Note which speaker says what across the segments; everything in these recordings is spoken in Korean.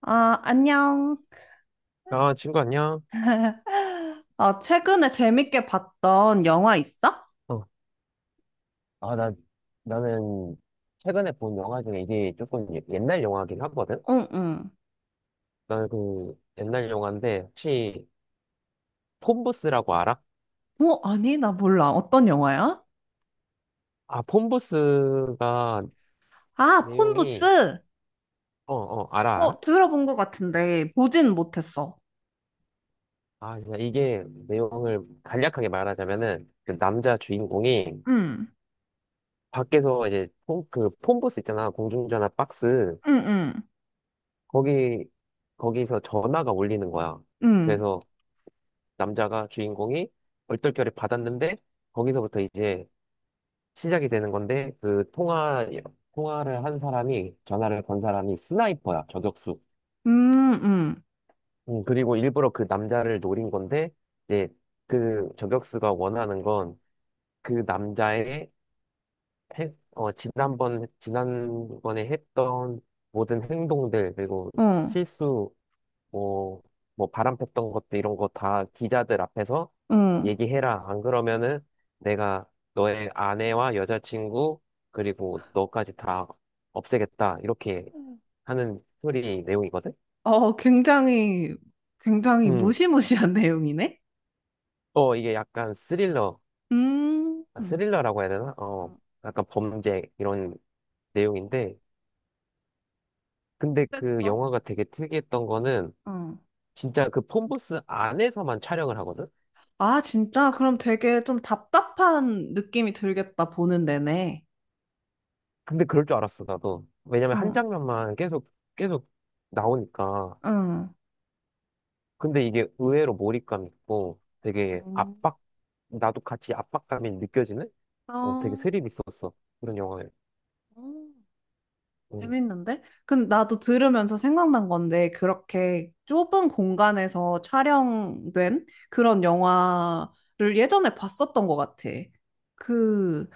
Speaker 1: 아, 안녕.
Speaker 2: 아, 친구 안녕?
Speaker 1: 아, 최근에 재밌게 봤던 영화 있어?
Speaker 2: 어, 아, 나, 나는 최근에 본 영화 중에 이게 조금 옛날 영화긴 하거든?
Speaker 1: 응, 응.
Speaker 2: 나는 그 옛날 영화인데 혹시 폰부스라고 알아?
Speaker 1: 아니, 나 몰라. 어떤 영화야?
Speaker 2: 아, 폰부스가
Speaker 1: 아,
Speaker 2: 내용이,
Speaker 1: 폰부스.
Speaker 2: 알아, 알아?
Speaker 1: 들어본 것 같은데, 보진 못했어.
Speaker 2: 아, 진짜 이게 내용을 간략하게 말하자면은 그 남자 주인공이
Speaker 1: 응,
Speaker 2: 밖에서 이제 그 폰부스 있잖아. 공중전화 박스.
Speaker 1: 응, 응.
Speaker 2: 거기, 거기서 전화가 울리는 거야.
Speaker 1: 응,
Speaker 2: 그래서 남자가 주인공이 얼떨결에 받았는데 거기서부터 이제 시작이 되는 건데 그 통화를 한 사람이 전화를 건 사람이 스나이퍼야 저격수.
Speaker 1: 응,
Speaker 2: 그리고 일부러 그 남자를 노린 건데 이제 그 저격수가 원하는 건 그 남자의 지난번에 했던 모든 행동들 그리고
Speaker 1: 어,
Speaker 2: 실수 뭐, 뭐 바람 폈던 것도 이런 거 다 기자들 앞에서
Speaker 1: 응.
Speaker 2: 얘기해라. 안 그러면은 내가 너의 아내와 여자친구 그리고 너까지 다 없애겠다. 이렇게 하는 스토리 내용이거든.
Speaker 1: 어, 굉장히, 굉장히
Speaker 2: 음,
Speaker 1: 무시무시한 내용이네?
Speaker 2: 어 이게 약간 스릴러, 아,
Speaker 1: 응.
Speaker 2: 스릴러라고 해야 되나? 어, 약간 범죄 이런 내용인데, 근데 그
Speaker 1: 어땠어?
Speaker 2: 영화가 되게 특이했던 거는
Speaker 1: 응.
Speaker 2: 진짜 그 폰부스 안에서만 촬영을 하거든.
Speaker 1: 아, 진짜? 그럼 되게 좀 답답한 느낌이 들겠다, 보는 내내.
Speaker 2: 근데 그럴 줄 알았어, 나도. 왜냐면 한
Speaker 1: 응,
Speaker 2: 장면만 계속 나오니까.
Speaker 1: 응.
Speaker 2: 근데 이게 의외로 몰입감 있고 되게
Speaker 1: 음.
Speaker 2: 압박, 나도 같이 압박감이 느껴지는?
Speaker 1: 아,
Speaker 2: 어, 되게
Speaker 1: 어,
Speaker 2: 스릴 있었어. 그런 영화에.
Speaker 1: 음,
Speaker 2: 음.
Speaker 1: 재밌는데? 근데 나도 들으면서 생각난 건데, 그렇게 좁은 공간에서 촬영된 그런 영화를 예전에 봤었던 것 같아. 그,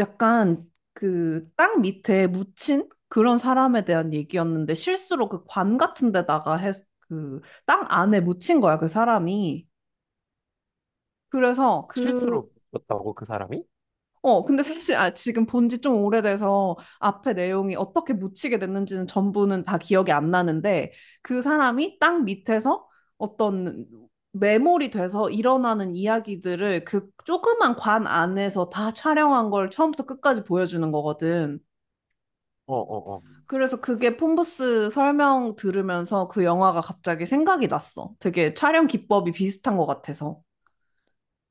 Speaker 1: 약간 그 땅 밑에 묻힌 그런 사람에 대한 얘기였는데, 실수로 그 관 같은 데다가 해, 그 땅 안에 묻힌 거야, 그 사람이. 그래서 그,
Speaker 2: 실수로 였다고, 그 사람이?
Speaker 1: 근데 사실 아, 지금 본지 좀 오래돼서 앞에 내용이 어떻게 묻히게 됐는지는 전부는 다 기억이 안 나는데 그 사람이 땅 밑에서 어떤 메모리 돼서 일어나는 이야기들을 그 조그만 관 안에서 다 촬영한 걸 처음부터 끝까지 보여주는 거거든.
Speaker 2: 어.
Speaker 1: 그래서 그게 폼부스 설명 들으면서 그 영화가 갑자기 생각이 났어. 되게 촬영 기법이 비슷한 것 같아서.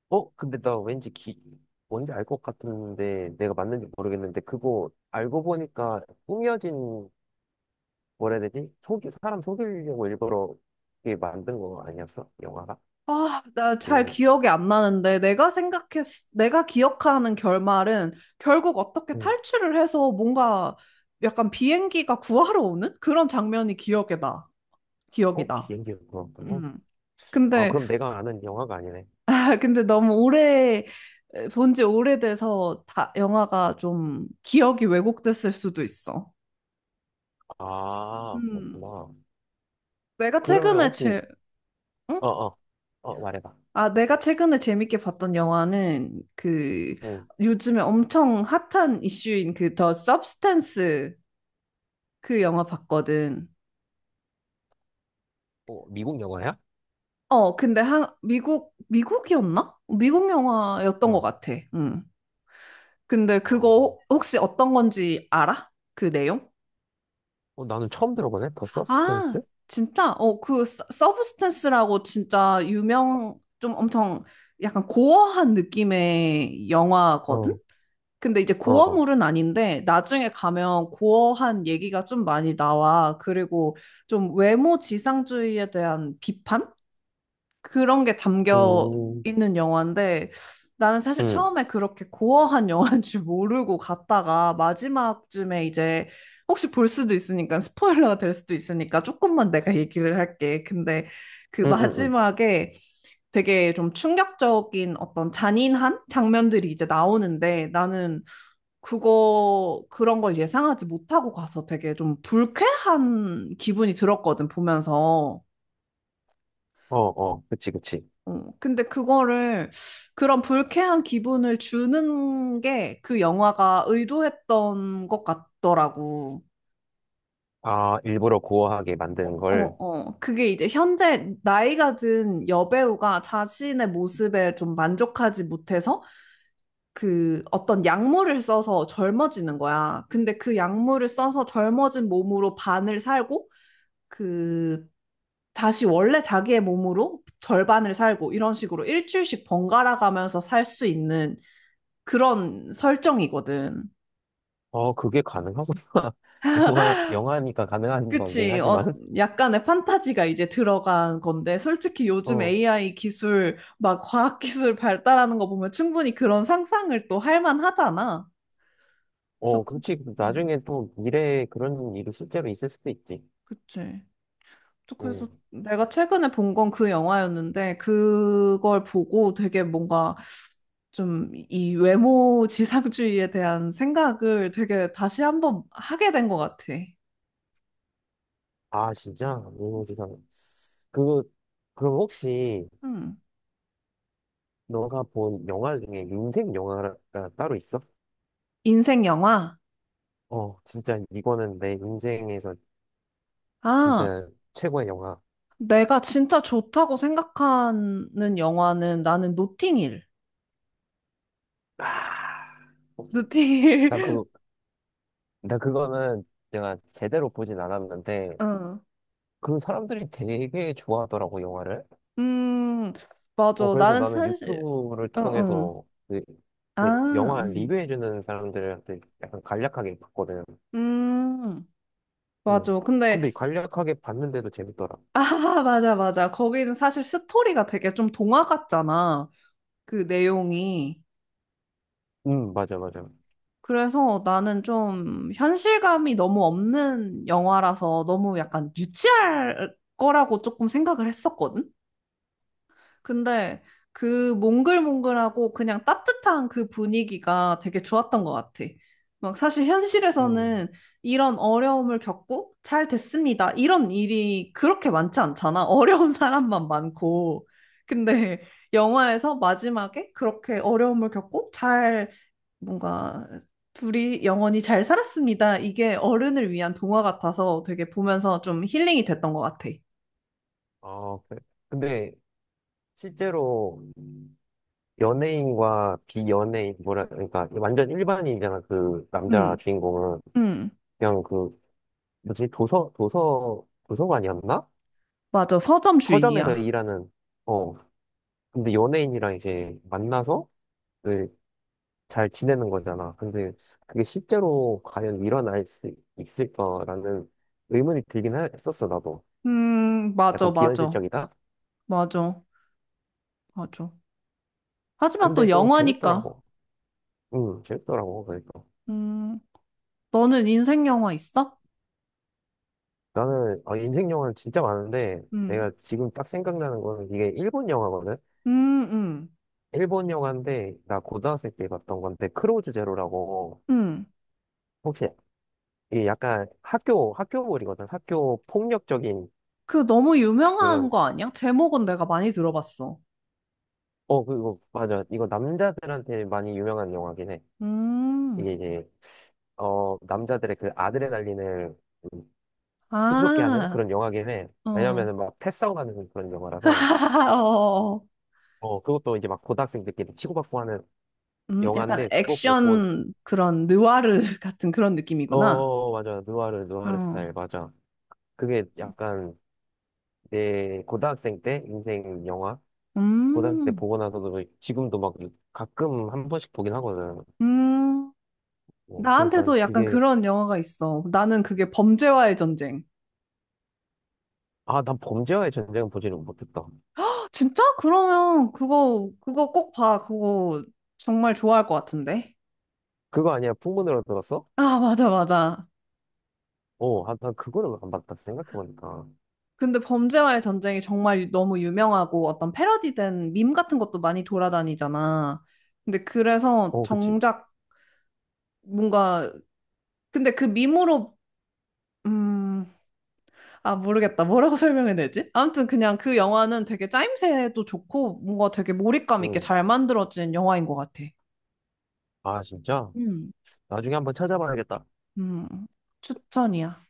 Speaker 2: 어, 근데 나 뭔지 알 것 같은데 내가 맞는지 모르겠는데 그거 알고 보니까 꾸며진, 뭐라 해야 되지? 사람 속이려고 일부러 이게 만든 거 아니었어? 영화가?
Speaker 1: 아, 나 잘
Speaker 2: 내용이.
Speaker 1: 기억이 안 나는데 내가 기억하는 결말은 결국 어떻게
Speaker 2: 응.
Speaker 1: 탈출을 해서 뭔가 약간 비행기가 구하러 오는 그런 장면이 기억에 나. 기억이
Speaker 2: 어?
Speaker 1: 나.
Speaker 2: 비행기가 그렇구나.
Speaker 1: 음.
Speaker 2: 아,
Speaker 1: 근데
Speaker 2: 그럼 내가 아는 영화가 아니네.
Speaker 1: 아, 근데 너무 오래 본지 오래돼서 다 영화가 좀 기억이 왜곡됐을 수도 있어.
Speaker 2: 아,
Speaker 1: 음.
Speaker 2: 그렇구나.
Speaker 1: 내가
Speaker 2: 그러면
Speaker 1: 최근에
Speaker 2: 혹시,
Speaker 1: 제, 응?
Speaker 2: 어, 어, 어, 말해봐.
Speaker 1: 아, 내가 최근에 재밌게 봤던 영화는 그
Speaker 2: 응.
Speaker 1: 요즘에 엄청 핫한 이슈인 그 더 서브스탄스 그 영화 봤거든.
Speaker 2: 어, 미국 영화야?
Speaker 1: 어, 근데 한 미국 미국이었나? 미국 영화였던 것
Speaker 2: 어,
Speaker 1: 같아. 음. 근데
Speaker 2: 어,
Speaker 1: 그거 혹시 어떤 건지 알아? 그 내용?
Speaker 2: 어, 나는 처음 들어보네. 더
Speaker 1: 아,
Speaker 2: 서브스탠스?
Speaker 1: 진짜? 어, 그 서브스탄스라고 진짜 유명 좀 엄청 약간 고어한 느낌의 영화거든.
Speaker 2: 어,
Speaker 1: 근데 이제
Speaker 2: 어.
Speaker 1: 고어물은 아닌데 나중에 가면 고어한 얘기가 좀 많이 나와. 그리고 좀 외모 지상주의에 대한 비판? 그런 게 담겨
Speaker 2: 음,
Speaker 1: 있는 영화인데 나는 사실
Speaker 2: 음,
Speaker 1: 처음에 그렇게 고어한 영화인 줄 모르고 갔다가 마지막쯤에 이제 혹시 볼 수도 있으니까 스포일러가 될 수도 있으니까 조금만 내가 얘기를 할게. 근데 그
Speaker 2: 음, 음, 음.
Speaker 1: 마지막에 되게 좀 충격적인 어떤 잔인한 장면들이 이제 나오는데 나는 그거 그런 걸 예상하지 못하고 가서 되게 좀 불쾌한 기분이 들었거든 보면서.
Speaker 2: 어, 어, 그치, 그치.
Speaker 1: 어, 근데 그거를 그런 불쾌한 기분을 주는 게 그 영화가 의도했던 것 같더라고.
Speaker 2: 아, 일부러 고어하게 만드는
Speaker 1: 어,
Speaker 2: 걸.
Speaker 1: 어. 그게 이제 현재 나이가 든 여배우가 자신의 모습에 좀 만족하지 못해서 그 어떤 약물을 써서 젊어지는 거야. 근데 그 약물을 써서 젊어진 몸으로 반을 살고 그 다시 원래 자기의 몸으로 절반을 살고 이런 식으로 일주일씩 번갈아 가면서 살 수 있는 그런 설정이거든.
Speaker 2: 어, 그게 가능하구나. 영화니까 가능한 거긴
Speaker 1: 그치. 어,
Speaker 2: 하지만.
Speaker 1: 약간의 판타지가 이제 들어간 건데, 솔직히 요즘
Speaker 2: 어,
Speaker 1: AI 기술, 막 과학 기술 발달하는 거 보면 충분히 그런 상상을 또 할 만하잖아. 그래서,
Speaker 2: 그렇지.
Speaker 1: 음,
Speaker 2: 나중에 또 미래에 그런 일이 실제로 있을 수도 있지.
Speaker 1: 그치. 또 그래서
Speaker 2: 응
Speaker 1: 내가 최근에 본 건 그 영화였는데, 그걸 보고 되게 뭔가 좀 이 외모 지상주의에 대한 생각을 되게 다시 한번 하게 된 것 같아.
Speaker 2: 아, 진짜? 미모지상. 그거, 그럼 혹시
Speaker 1: 음.
Speaker 2: 너가 본 영화 중에 인생 영화가 따로 있어?
Speaker 1: 인생 영화?
Speaker 2: 어, 진짜 이거는 내 인생에서
Speaker 1: 아,
Speaker 2: 진짜 최고의 영화.
Speaker 1: 내가 진짜 좋다고 생각하는 영화는 나는 노팅힐. 노팅힐.
Speaker 2: 나 그거, 나 그거는 내가 제대로 보진 않았는데,
Speaker 1: 어.
Speaker 2: 그 사람들이 되게 좋아하더라고, 영화를.
Speaker 1: 음,
Speaker 2: 어,
Speaker 1: 맞아.
Speaker 2: 그래서
Speaker 1: 나는
Speaker 2: 나는
Speaker 1: 사실,
Speaker 2: 유튜브를
Speaker 1: 어, 어.
Speaker 2: 통해서 그, 그
Speaker 1: 아,
Speaker 2: 영화 리뷰해주는 사람들한테 약간 간략하게 봤거든.
Speaker 1: 음,
Speaker 2: 음.
Speaker 1: 맞아. 근데,
Speaker 2: 근데 간략하게 봤는데도 재밌더라.
Speaker 1: 아, 맞아, 맞아. 거기는 사실 스토리가 되게 좀 동화 같잖아. 그 내용이.
Speaker 2: 맞아, 맞아.
Speaker 1: 그래서 나는 좀 현실감이 너무 없는 영화라서 너무 약간 유치할 거라고 조금 생각을 했었거든? 근데 그 몽글몽글하고 그냥 따뜻한 그 분위기가 되게 좋았던 것 같아. 막 사실
Speaker 2: 음,
Speaker 1: 현실에서는 이런 어려움을 겪고 잘 됐습니다. 이런 일이 그렇게 많지 않잖아. 어려운 사람만 많고. 근데 영화에서 마지막에 그렇게 어려움을 겪고 잘 뭔가 둘이 영원히 잘 살았습니다. 이게 어른을 위한 동화 같아서 되게 보면서 좀 힐링이 됐던 것 같아.
Speaker 2: 아, 그래. 근데 실제로 연예인과 비연예인, 뭐라, 그러니까 완전 일반인이잖아, 그 남자
Speaker 1: 응,
Speaker 2: 주인공은.
Speaker 1: 응.
Speaker 2: 그냥 그, 뭐지, 도서관이었나?
Speaker 1: 맞아. 서점
Speaker 2: 서점에서
Speaker 1: 주인이야.
Speaker 2: 일하는, 어. 근데 연예인이랑 이제 만나서 그잘 지내는 거잖아. 근데 그게 실제로 과연 일어날 수 있을까라는 의문이 들긴 했었어, 나도.
Speaker 1: 맞아,
Speaker 2: 약간
Speaker 1: 맞아.
Speaker 2: 비현실적이다?
Speaker 1: 맞아, 맞아. 하지만
Speaker 2: 근데
Speaker 1: 또
Speaker 2: 또
Speaker 1: 영화니까.
Speaker 2: 재밌더라고. 응, 재밌더라고, 그러니까.
Speaker 1: 음, 너는 인생 영화 있어?
Speaker 2: 나는, 아, 인생 영화는 진짜 많은데,
Speaker 1: 음,
Speaker 2: 내가 지금 딱 생각나는 거는 이게 일본 영화거든?
Speaker 1: 음, 음,
Speaker 2: 일본 영화인데, 나 고등학생 때 봤던 건데, 크로우즈 제로라고,
Speaker 1: 음.
Speaker 2: 혹시, 이게 약간 학교물이거든? 학교 폭력적인
Speaker 1: 그 너무 유명한
Speaker 2: 그런,
Speaker 1: 거 아니야? 제목은 내가 많이 들어봤어.
Speaker 2: 어, 그리고, 맞아. 이거 남자들한테 많이 유명한 영화긴 해.
Speaker 1: 음,
Speaker 2: 이게 이제, 어, 남자들의 그 아드레날린을 좀 치솟게 하는
Speaker 1: 아,
Speaker 2: 그런 영화긴 해.
Speaker 1: 어. 어.
Speaker 2: 왜냐면은 막 패싸움하는 그런 영화라서.
Speaker 1: 어.
Speaker 2: 어, 그것도 이제 막 고등학생들끼리 치고받고 하는
Speaker 1: 약간
Speaker 2: 영화인데 그거 보고
Speaker 1: 액션 그런 느와르 같은 그런 느낌이구나.
Speaker 2: 어 맞아 누아르 스타일
Speaker 1: 어.
Speaker 2: 맞아. 그게 약간 내 고등학생 때 인생 영화. 고등학생 때
Speaker 1: 음,
Speaker 2: 보고 나서도 지금도 막 가끔 한 번씩 보긴 하거든.
Speaker 1: 음.
Speaker 2: 뭐, 근데 난
Speaker 1: 나한테도 약간
Speaker 2: 그게.
Speaker 1: 그런 영화가 있어. 나는 그게 범죄와의 전쟁.
Speaker 2: 아 난 범죄와의 전쟁은 보지는 못했다.
Speaker 1: 헉, 진짜? 그러면 그거, 그거 꼭 봐. 그거 정말 좋아할 것 같은데.
Speaker 2: 그거 아니야 풍문으로 들었어?
Speaker 1: 아, 맞아, 맞아.
Speaker 2: 어아난 그거를 안 봤다 생각해보니까.
Speaker 1: 근데 범죄와의 전쟁이 정말 너무 유명하고 어떤 패러디된 밈 같은 것도 많이 돌아다니잖아. 근데 그래서
Speaker 2: 어 그치.
Speaker 1: 정작 뭔가, 근데 그 밈으로, 음, 아, 모르겠다. 뭐라고 설명해야 되지? 아무튼 그냥 그 영화는 되게 짜임새도 좋고 뭔가 되게 몰입감 있게 잘 만들어진 영화인 것 같아.
Speaker 2: 응아 진짜.
Speaker 1: 음.
Speaker 2: 나중에 한번 찾아봐야겠다.
Speaker 1: 음, 추천이야.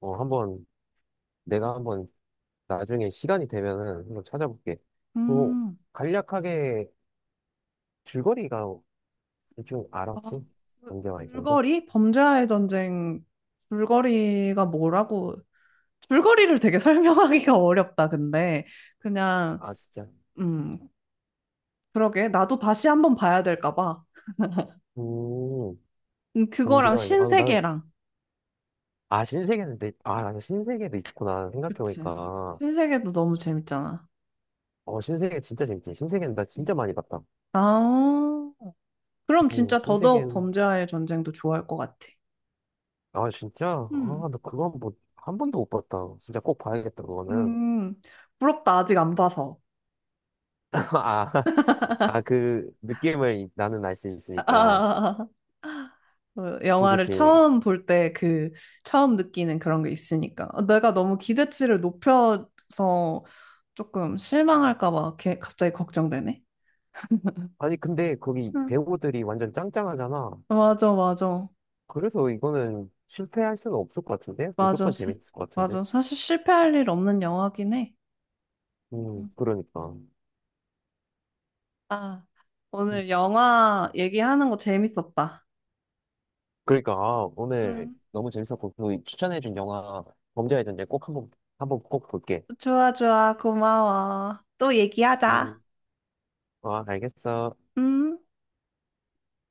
Speaker 2: 어 한번 한번 나중에 시간이 되면은 한번 찾아볼게. 뭐
Speaker 1: 음,
Speaker 2: 간략하게 줄거리가 대충 알아
Speaker 1: 아,
Speaker 2: 혹시? 범죄와 이제?
Speaker 1: 줄거리? 범죄와의 전쟁 줄거리가 뭐라고? 줄거리를 되게 설명하기가 어렵다, 근데. 그냥,
Speaker 2: 아 진짜.
Speaker 1: 음, 그러게. 나도 다시 한번 봐야 될까 봐.
Speaker 2: 음
Speaker 1: 그거랑
Speaker 2: 범죄와 이제. 아 나는
Speaker 1: 신세계랑.
Speaker 2: 아 신세계는 내. 아 맞아 신세계도 있구나
Speaker 1: 그치.
Speaker 2: 생각해보니까.
Speaker 1: 신세계도 너무 재밌잖아.
Speaker 2: 어 신세계 진짜 재밌지. 신세계는 나
Speaker 1: 음.
Speaker 2: 진짜 많이 봤다.
Speaker 1: 아. 그럼 진짜 더더욱
Speaker 2: 신세계는
Speaker 1: 범죄와의 전쟁도 좋아할 것 같아.
Speaker 2: 아 진짜.
Speaker 1: 음.
Speaker 2: 아 나 그거 한번한 번도 못 봤다. 진짜 꼭 봐야겠다 그거는.
Speaker 1: 음, 부럽다. 아직 안 봐서.
Speaker 2: 아 아, 그 느낌을 나는 알 수
Speaker 1: 아, 아,
Speaker 2: 있으니까.
Speaker 1: 아. 아. 어,
Speaker 2: 그치,
Speaker 1: 영화를
Speaker 2: 그치.
Speaker 1: 처음 볼 때 그, 처음 느끼는 그런 게 있으니까. 어, 내가 너무 기대치를 높여서 조금 실망할까 봐 갑자기 걱정되네.
Speaker 2: 아니, 근데 거기
Speaker 1: 응,
Speaker 2: 배우들이 완전 짱짱하잖아.
Speaker 1: 맞아, 맞아.
Speaker 2: 그래서 이거는 실패할 수는 없을 것 같은데?
Speaker 1: 맞아.
Speaker 2: 무조건 재밌을 것 같은데?
Speaker 1: 맞아. 사실 실패할 일 없는 영화긴 해. 응.
Speaker 2: 그러니까.
Speaker 1: 아.
Speaker 2: 음.
Speaker 1: 오늘 영화 얘기하는 거 재밌었다.
Speaker 2: 그러니까, 아, 오늘
Speaker 1: 응.
Speaker 2: 너무 재밌었고, 그 추천해준 영화, 범죄의 전쟁 꼭 한번 꼭 볼게.
Speaker 1: 좋아, 좋아. 고마워. 또 얘기하자.
Speaker 2: 음, 아, 알겠어.
Speaker 1: 음.